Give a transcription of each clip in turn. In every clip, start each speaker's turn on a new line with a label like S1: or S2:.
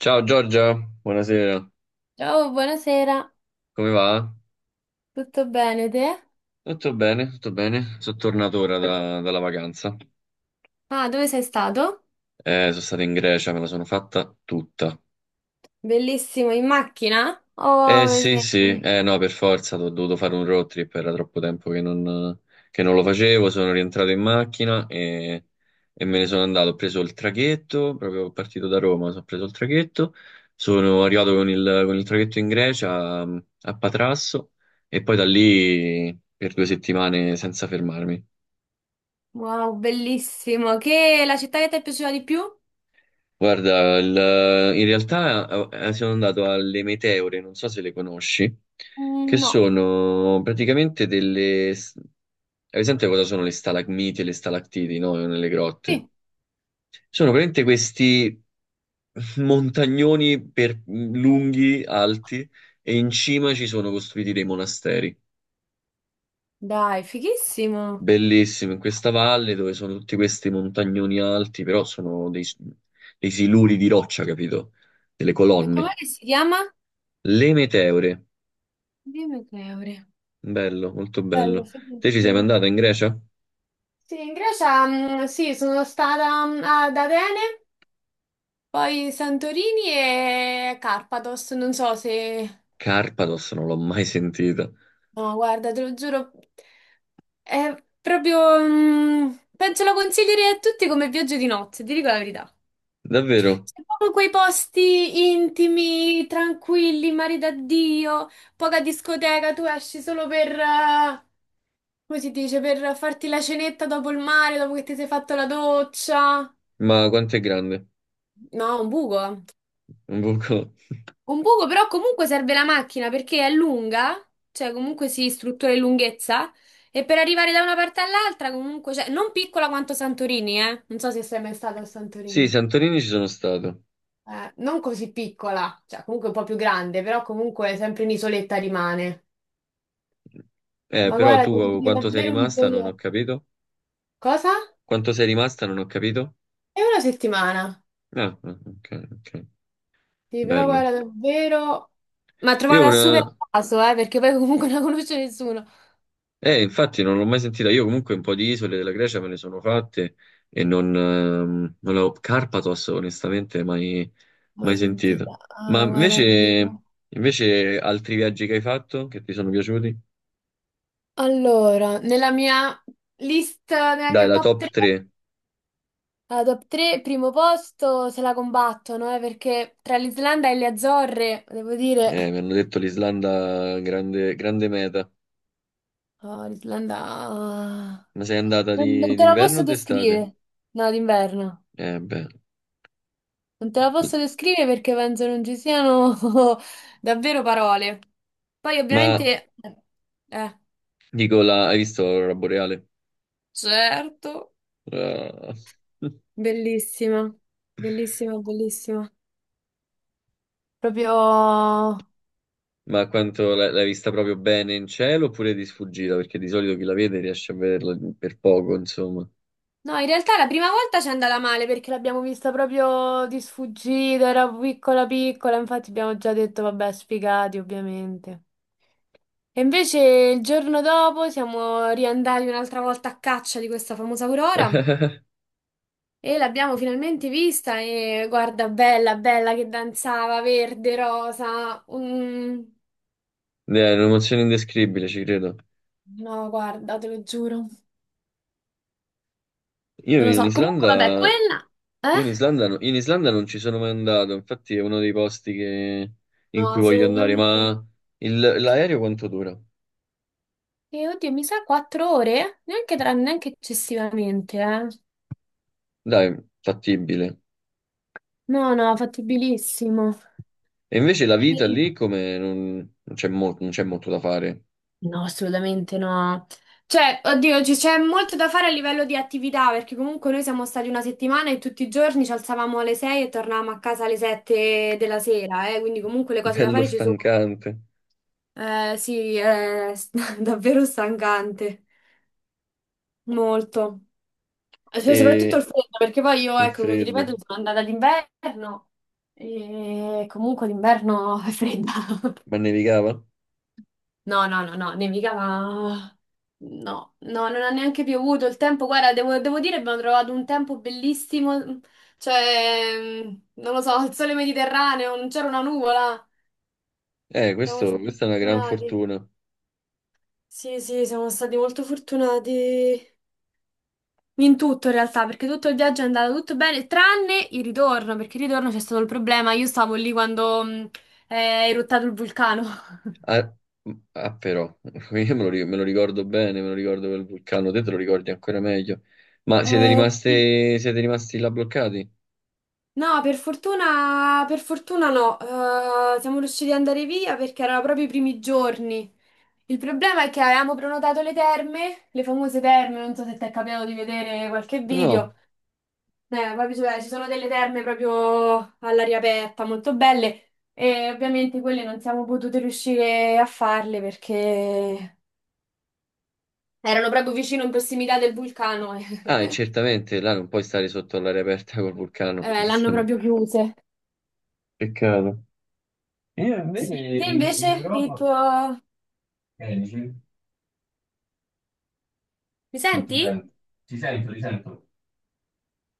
S1: Ciao Giorgia, buonasera,
S2: Ciao, buonasera,
S1: come va?
S2: tutto bene te?
S1: Tutto bene, tutto bene. Sono tornato ora dalla vacanza.
S2: Ah, dove sei stato?
S1: Sono stato in Grecia, me la sono fatta tutta.
S2: Bellissimo, in macchina?
S1: Eh
S2: Oh,
S1: sì, sì, eh no, per forza, ho dovuto fare un road trip, era troppo tempo che non, lo facevo, sono rientrato in macchina e me ne sono andato. Ho preso il traghetto, proprio partito da Roma, sono preso il traghetto, sono arrivato con il traghetto in Grecia a Patrasso e poi da lì per 2 settimane senza fermarmi.
S2: wow, bellissimo. Che la città che ti è piaciuta di più?
S1: Guarda, in realtà sono andato alle meteore, non so se le conosci, che
S2: Mm, no.
S1: sono praticamente delle. Hai presente cosa sono le stalagmiti e le stalattiti, no? Nelle grotte.
S2: Sì.
S1: Sono praticamente questi montagnoni lunghi, alti, e in cima ci sono costruiti dei monasteri.
S2: Dai, fighissimo.
S1: Bellissimo, in questa valle dove sono tutti questi montagnoni alti, però sono dei, dei siluri di roccia, capito? Delle
S2: E com'è
S1: colonne.
S2: che si chiama?
S1: Le meteore.
S2: Dimmi che ore.
S1: Bello, molto
S2: Bello,
S1: bello. Te ci sei
S2: fighissimo.
S1: mandato in Grecia?
S2: Sì, in Grecia, mm, sì, sono stata ad Atene, poi Santorini e Carpados, non so se...
S1: Carpados non l'ho mai sentita.
S2: No, guarda, te lo giuro, è proprio... penso lo consiglierei a tutti come viaggio di nozze, ti dico la verità.
S1: Davvero?
S2: C'è proprio quei posti intimi, tranquilli, mari da Dio, poca discoteca, tu esci solo per... come si dice? Per farti la cenetta dopo il mare, dopo che ti sei fatto la doccia.
S1: Ma quanto è grande?
S2: No, un buco, eh.
S1: Un buco.
S2: Un poco, però comunque serve la macchina perché è lunga, cioè comunque si struttura in lunghezza, e per arrivare da una parte all'altra comunque, cioè, non piccola quanto Santorini, eh? Non so se sei mai stata a
S1: Sì,
S2: Santorini.
S1: Santorini ci sono stato.
S2: Non così piccola, cioè comunque un po' più grande, però comunque sempre un'isoletta rimane. Ma
S1: Però
S2: guarda,
S1: tu
S2: devo
S1: oh,
S2: dire
S1: quanto sei
S2: davvero un
S1: rimasta non ho
S2: gioiello.
S1: capito.
S2: Cosa?
S1: Quanto sei rimasta non ho capito.
S2: È una settimana.
S1: Ah, ah, ok, ok.
S2: Sì, però guarda,
S1: Bello.
S2: davvero... Ma
S1: Io
S2: trovata super
S1: una.
S2: a caso, perché poi comunque non la conosce nessuno.
S1: Infatti non l'ho mai sentita. Io comunque un po' di isole della Grecia me ne sono fatte e non l'ho Carpathos onestamente mai,
S2: Ma
S1: mai sentita.
S2: sentita,
S1: Ma
S2: ah, guarda...
S1: invece, invece altri viaggi che hai fatto che ti sono piaciuti?
S2: Allora, nella mia lista, nella
S1: Dai,
S2: mia
S1: la
S2: top
S1: top
S2: 3,
S1: 3.
S2: la top 3, primo posto se la combattono, perché tra l'Islanda e le Azzorre, devo dire,
S1: Mi hanno detto l'Islanda grande, grande meta.
S2: oh, l'Islanda...
S1: Ma sei andata
S2: Non te la
S1: d'inverno o
S2: posso
S1: d'estate?
S2: descrivere, no, d'inverno.
S1: Eh beh.
S2: Non te la posso descrivere perché penso non ci siano davvero parole. Poi
S1: Ma
S2: ovviamente... eh,
S1: dico, hai visto l'aurora boreale?
S2: certo,
S1: Ah.
S2: bellissima, bellissima, bellissima. Proprio...
S1: Ma quanto l'hai vista proprio bene in cielo oppure di sfuggita? Perché di solito chi la vede riesce a vederla per poco, insomma.
S2: No, in realtà la prima volta ci è andata male perché l'abbiamo vista proprio di sfuggita, era piccola piccola, infatti abbiamo già detto vabbè, sfigati ovviamente. E invece il giorno dopo siamo riandati un'altra volta a caccia di questa famosa Aurora e l'abbiamo finalmente vista e guarda, bella, bella che danzava, verde, rosa.
S1: È un'emozione indescrivibile, ci credo.
S2: No, guarda, te lo giuro.
S1: Io
S2: Non lo
S1: in
S2: so, comunque vabbè,
S1: Islanda, io
S2: quella...
S1: in
S2: Eh?
S1: Islanda, no- in Islanda non ci sono mai andato, infatti è uno dei posti in cui
S2: No,
S1: voglio
S2: secondo
S1: andare,
S2: me...
S1: ma l'aereo quanto dura?
S2: E oddio, mi sa quattro ore? Neanche, neanche eccessivamente, eh.
S1: Dai, fattibile.
S2: No, no, fattibilissimo.
S1: E invece la vita
S2: Eh,
S1: lì come non c'è molto da fare.
S2: No, assolutamente no. Cioè, oddio, c'è molto da fare a livello di attività, perché comunque noi siamo stati una settimana e tutti i giorni ci alzavamo alle 6 e tornavamo a casa alle 7 della sera, quindi comunque le cose da
S1: Bello
S2: fare ci sono.
S1: stancante.
S2: Sì, è davvero stancante, molto. Cioè, soprattutto il
S1: E
S2: freddo, perché poi io,
S1: il
S2: ecco, come ti
S1: freddo.
S2: ripeto, sono andata d'inverno e comunque l'inverno è fredda.
S1: Ma nevicava?
S2: No, no, no, no, nevicava... No, no, non ha neanche piovuto il tempo. Guarda, devo dire, abbiamo trovato un tempo bellissimo. Cioè, non lo so, il sole mediterraneo, non c'era una nuvola. Siamo stati
S1: Questa è una gran
S2: fortunati.
S1: fortuna.
S2: Sì, sì, siamo stati molto fortunati. In tutto in realtà, perché tutto il viaggio è andato tutto bene, tranne il ritorno, perché il ritorno c'è stato il problema. Io stavo lì quando è eruttato il vulcano.
S1: Ah, ah, però, io me lo ricordo bene, me lo ricordo quel vulcano, te lo ricordi ancora meglio. Ma
S2: Sì.
S1: siete rimasti là bloccati?
S2: No, per fortuna no. Siamo riusciti ad andare via perché erano proprio i primi giorni. Il problema è che avevamo prenotato le terme, le famose terme, non so se ti è capitato di vedere qualche
S1: No.
S2: video. Poi ci sono delle terme proprio all'aria aperta, molto belle, e ovviamente quelle non siamo potute riuscire a farle perché erano proprio vicino in prossimità del vulcano
S1: Ah, e
S2: e
S1: certamente là non puoi stare sotto all'aria aperta col vulcano,
S2: l'hanno
S1: giustamente.
S2: proprio chiuse.
S1: Peccato. Io invece
S2: Sì. Te
S1: in
S2: invece il
S1: Europa,
S2: tuo...
S1: dicevi?
S2: Mi
S1: Non ti
S2: senti?
S1: sento, ti sento, ti sento,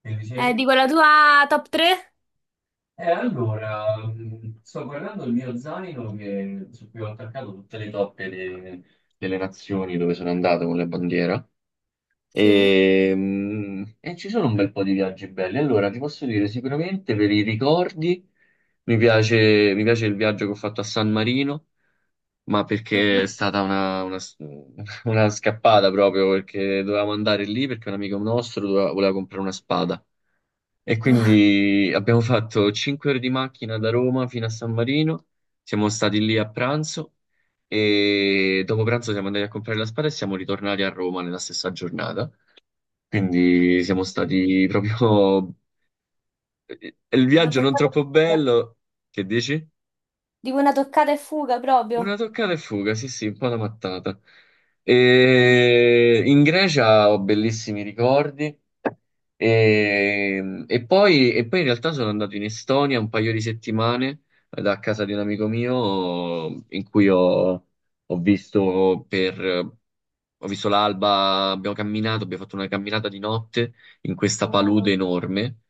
S1: che dicevi?
S2: Dico la tua top 3?
S1: E allora, sto guardando il mio zaino su cui ho attaccato tutte le toppe delle nazioni dove sono andato con la bandiera
S2: Sì.
S1: e ci sono un bel po' di viaggi belli. Allora, ti posso dire sicuramente per i ricordi mi piace il viaggio che ho fatto a San Marino, ma perché è
S2: Mhm.
S1: stata una scappata proprio perché dovevamo andare lì perché un amico nostro doveva- voleva comprare una spada. E
S2: Ah,
S1: quindi abbiamo fatto 5 ore di macchina da Roma fino a San Marino, siamo stati lì a pranzo e dopo pranzo siamo andati a comprare la spada e siamo ritornati a Roma nella stessa giornata. Quindi siamo stati proprio. È il
S2: una
S1: viaggio non
S2: toccata e
S1: troppo
S2: fuga.
S1: bello, che dici?
S2: Dico una toccata e fuga
S1: Una
S2: proprio.
S1: toccata e fuga, sì, sì, un po' da mattata. E in Grecia ho bellissimi ricordi. E poi in realtà sono andato in Estonia un paio di settimane da casa di un amico mio in cui ho visto per ho visto l'alba, abbiamo camminato, abbiamo fatto una camminata di notte in questa palude
S2: Wow,
S1: enorme,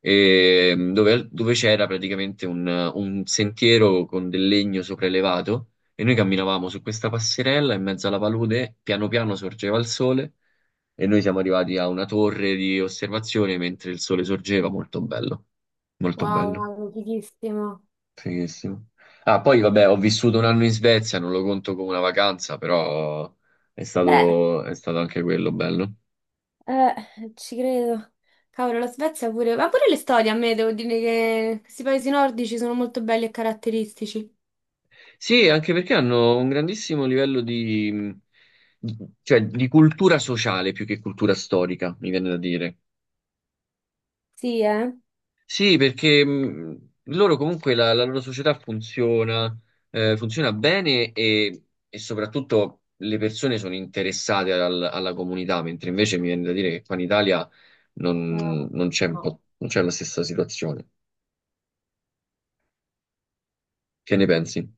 S1: dove c'era praticamente un sentiero con del legno sopraelevato e noi camminavamo su questa passerella in mezzo alla palude, piano piano sorgeva il sole e noi siamo arrivati a una torre di osservazione mentre il sole sorgeva, molto bello, molto
S2: wow,
S1: bello.
S2: wow, fighissimo.
S1: Fighissimo. Ah, poi vabbè, ho vissuto un anno in Svezia, non lo conto come una vacanza, però è
S2: Beh.
S1: stato, è stato anche quello bello.
S2: Eh, Ci credo. Cavolo, la Svezia pure, ma pure le storie a me, devo dire che questi paesi nordici sono molto belli e caratteristici.
S1: Sì, anche perché hanno un grandissimo livello di, di- cioè, di cultura sociale più che cultura storica, mi viene da dire.
S2: Sì, eh?
S1: Sì, perché loro comunque la loro società funziona, funziona bene e soprattutto le persone sono interessate alla comunità, mentre invece mi viene da dire che qua in Italia non c'è un po', non c'è la stessa situazione. Che ne pensi?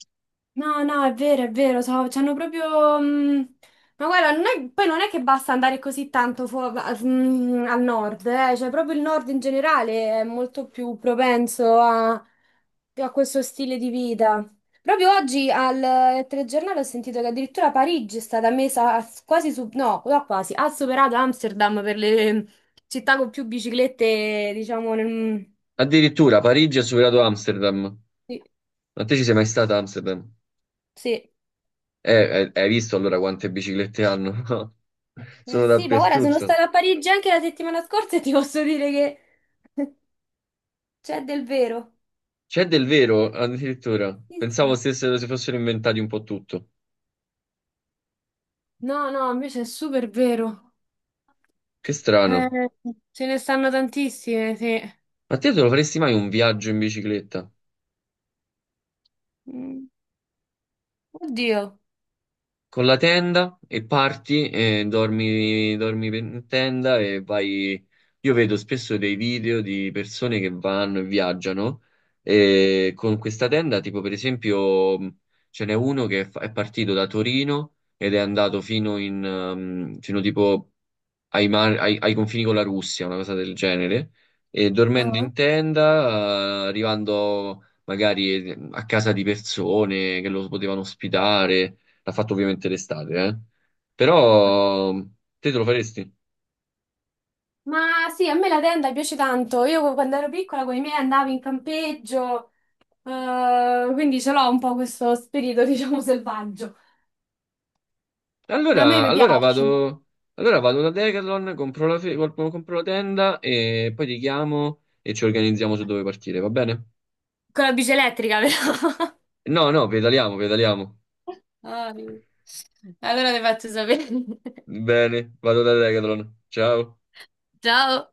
S2: No, no, è vero, c'hanno proprio... ma guarda, non è- poi non è che basta andare così tanto al nord, cioè proprio il nord in generale è molto più propenso a, a questo stile di vita. Proprio oggi al telegiornale ho sentito che addirittura Parigi è stata messa quasi su... no, no, quasi, ha superato Amsterdam per le città con più biciclette, diciamo, nel...
S1: Addirittura Parigi ha superato Amsterdam.
S2: Sì,
S1: Ma te ci sei mai stata a Amsterdam?
S2: sì.
S1: Hai visto allora quante biciclette hanno?
S2: Eh eh,
S1: Sono
S2: sì, ma guarda, sono
S1: dappertutto.
S2: stata a Parigi anche la settimana scorsa e ti posso dire che c'è del vero.
S1: C'è del vero, addirittura.
S2: Sì,
S1: Pensavo
S2: sì.
S1: si fossero inventati un po' tutto.
S2: No, no, invece è super vero.
S1: Che
S2: Eh,
S1: strano.
S2: Ce ne stanno tantissime, sì.
S1: Ma te lo faresti mai un viaggio in bicicletta?
S2: Mm, Oddio.
S1: Con la tenda e parti e dormi, dormi in tenda e vai. Io vedo spesso dei video di persone che vanno e viaggiano e con questa tenda, tipo per esempio, ce n'è uno è partito da Torino ed è andato fino tipo ai confini con la Russia, una cosa del genere, e dormendo
S2: Ah.
S1: in tenda, arrivando magari a casa di persone che lo potevano ospitare. L'ha fatto ovviamente l'estate, eh. Però te lo faresti?
S2: Ma sì, a me la tenda piace tanto. Io quando ero piccola con i miei andavo in campeggio, quindi ce l'ho un po' questo spirito, diciamo, selvaggio. A me
S1: Allora,
S2: mi
S1: allora
S2: piace.
S1: vado, allora vado da Decathlon, compro la tenda e poi ti chiamo e ci organizziamo su dove partire, va bene?
S2: Con la bici elettrica, però.
S1: No, no, pedaliamo, pedaliamo.
S2: Ah, allora le faccio sapere.
S1: Bene, vado da Decathlon. Ciao.
S2: Ciao.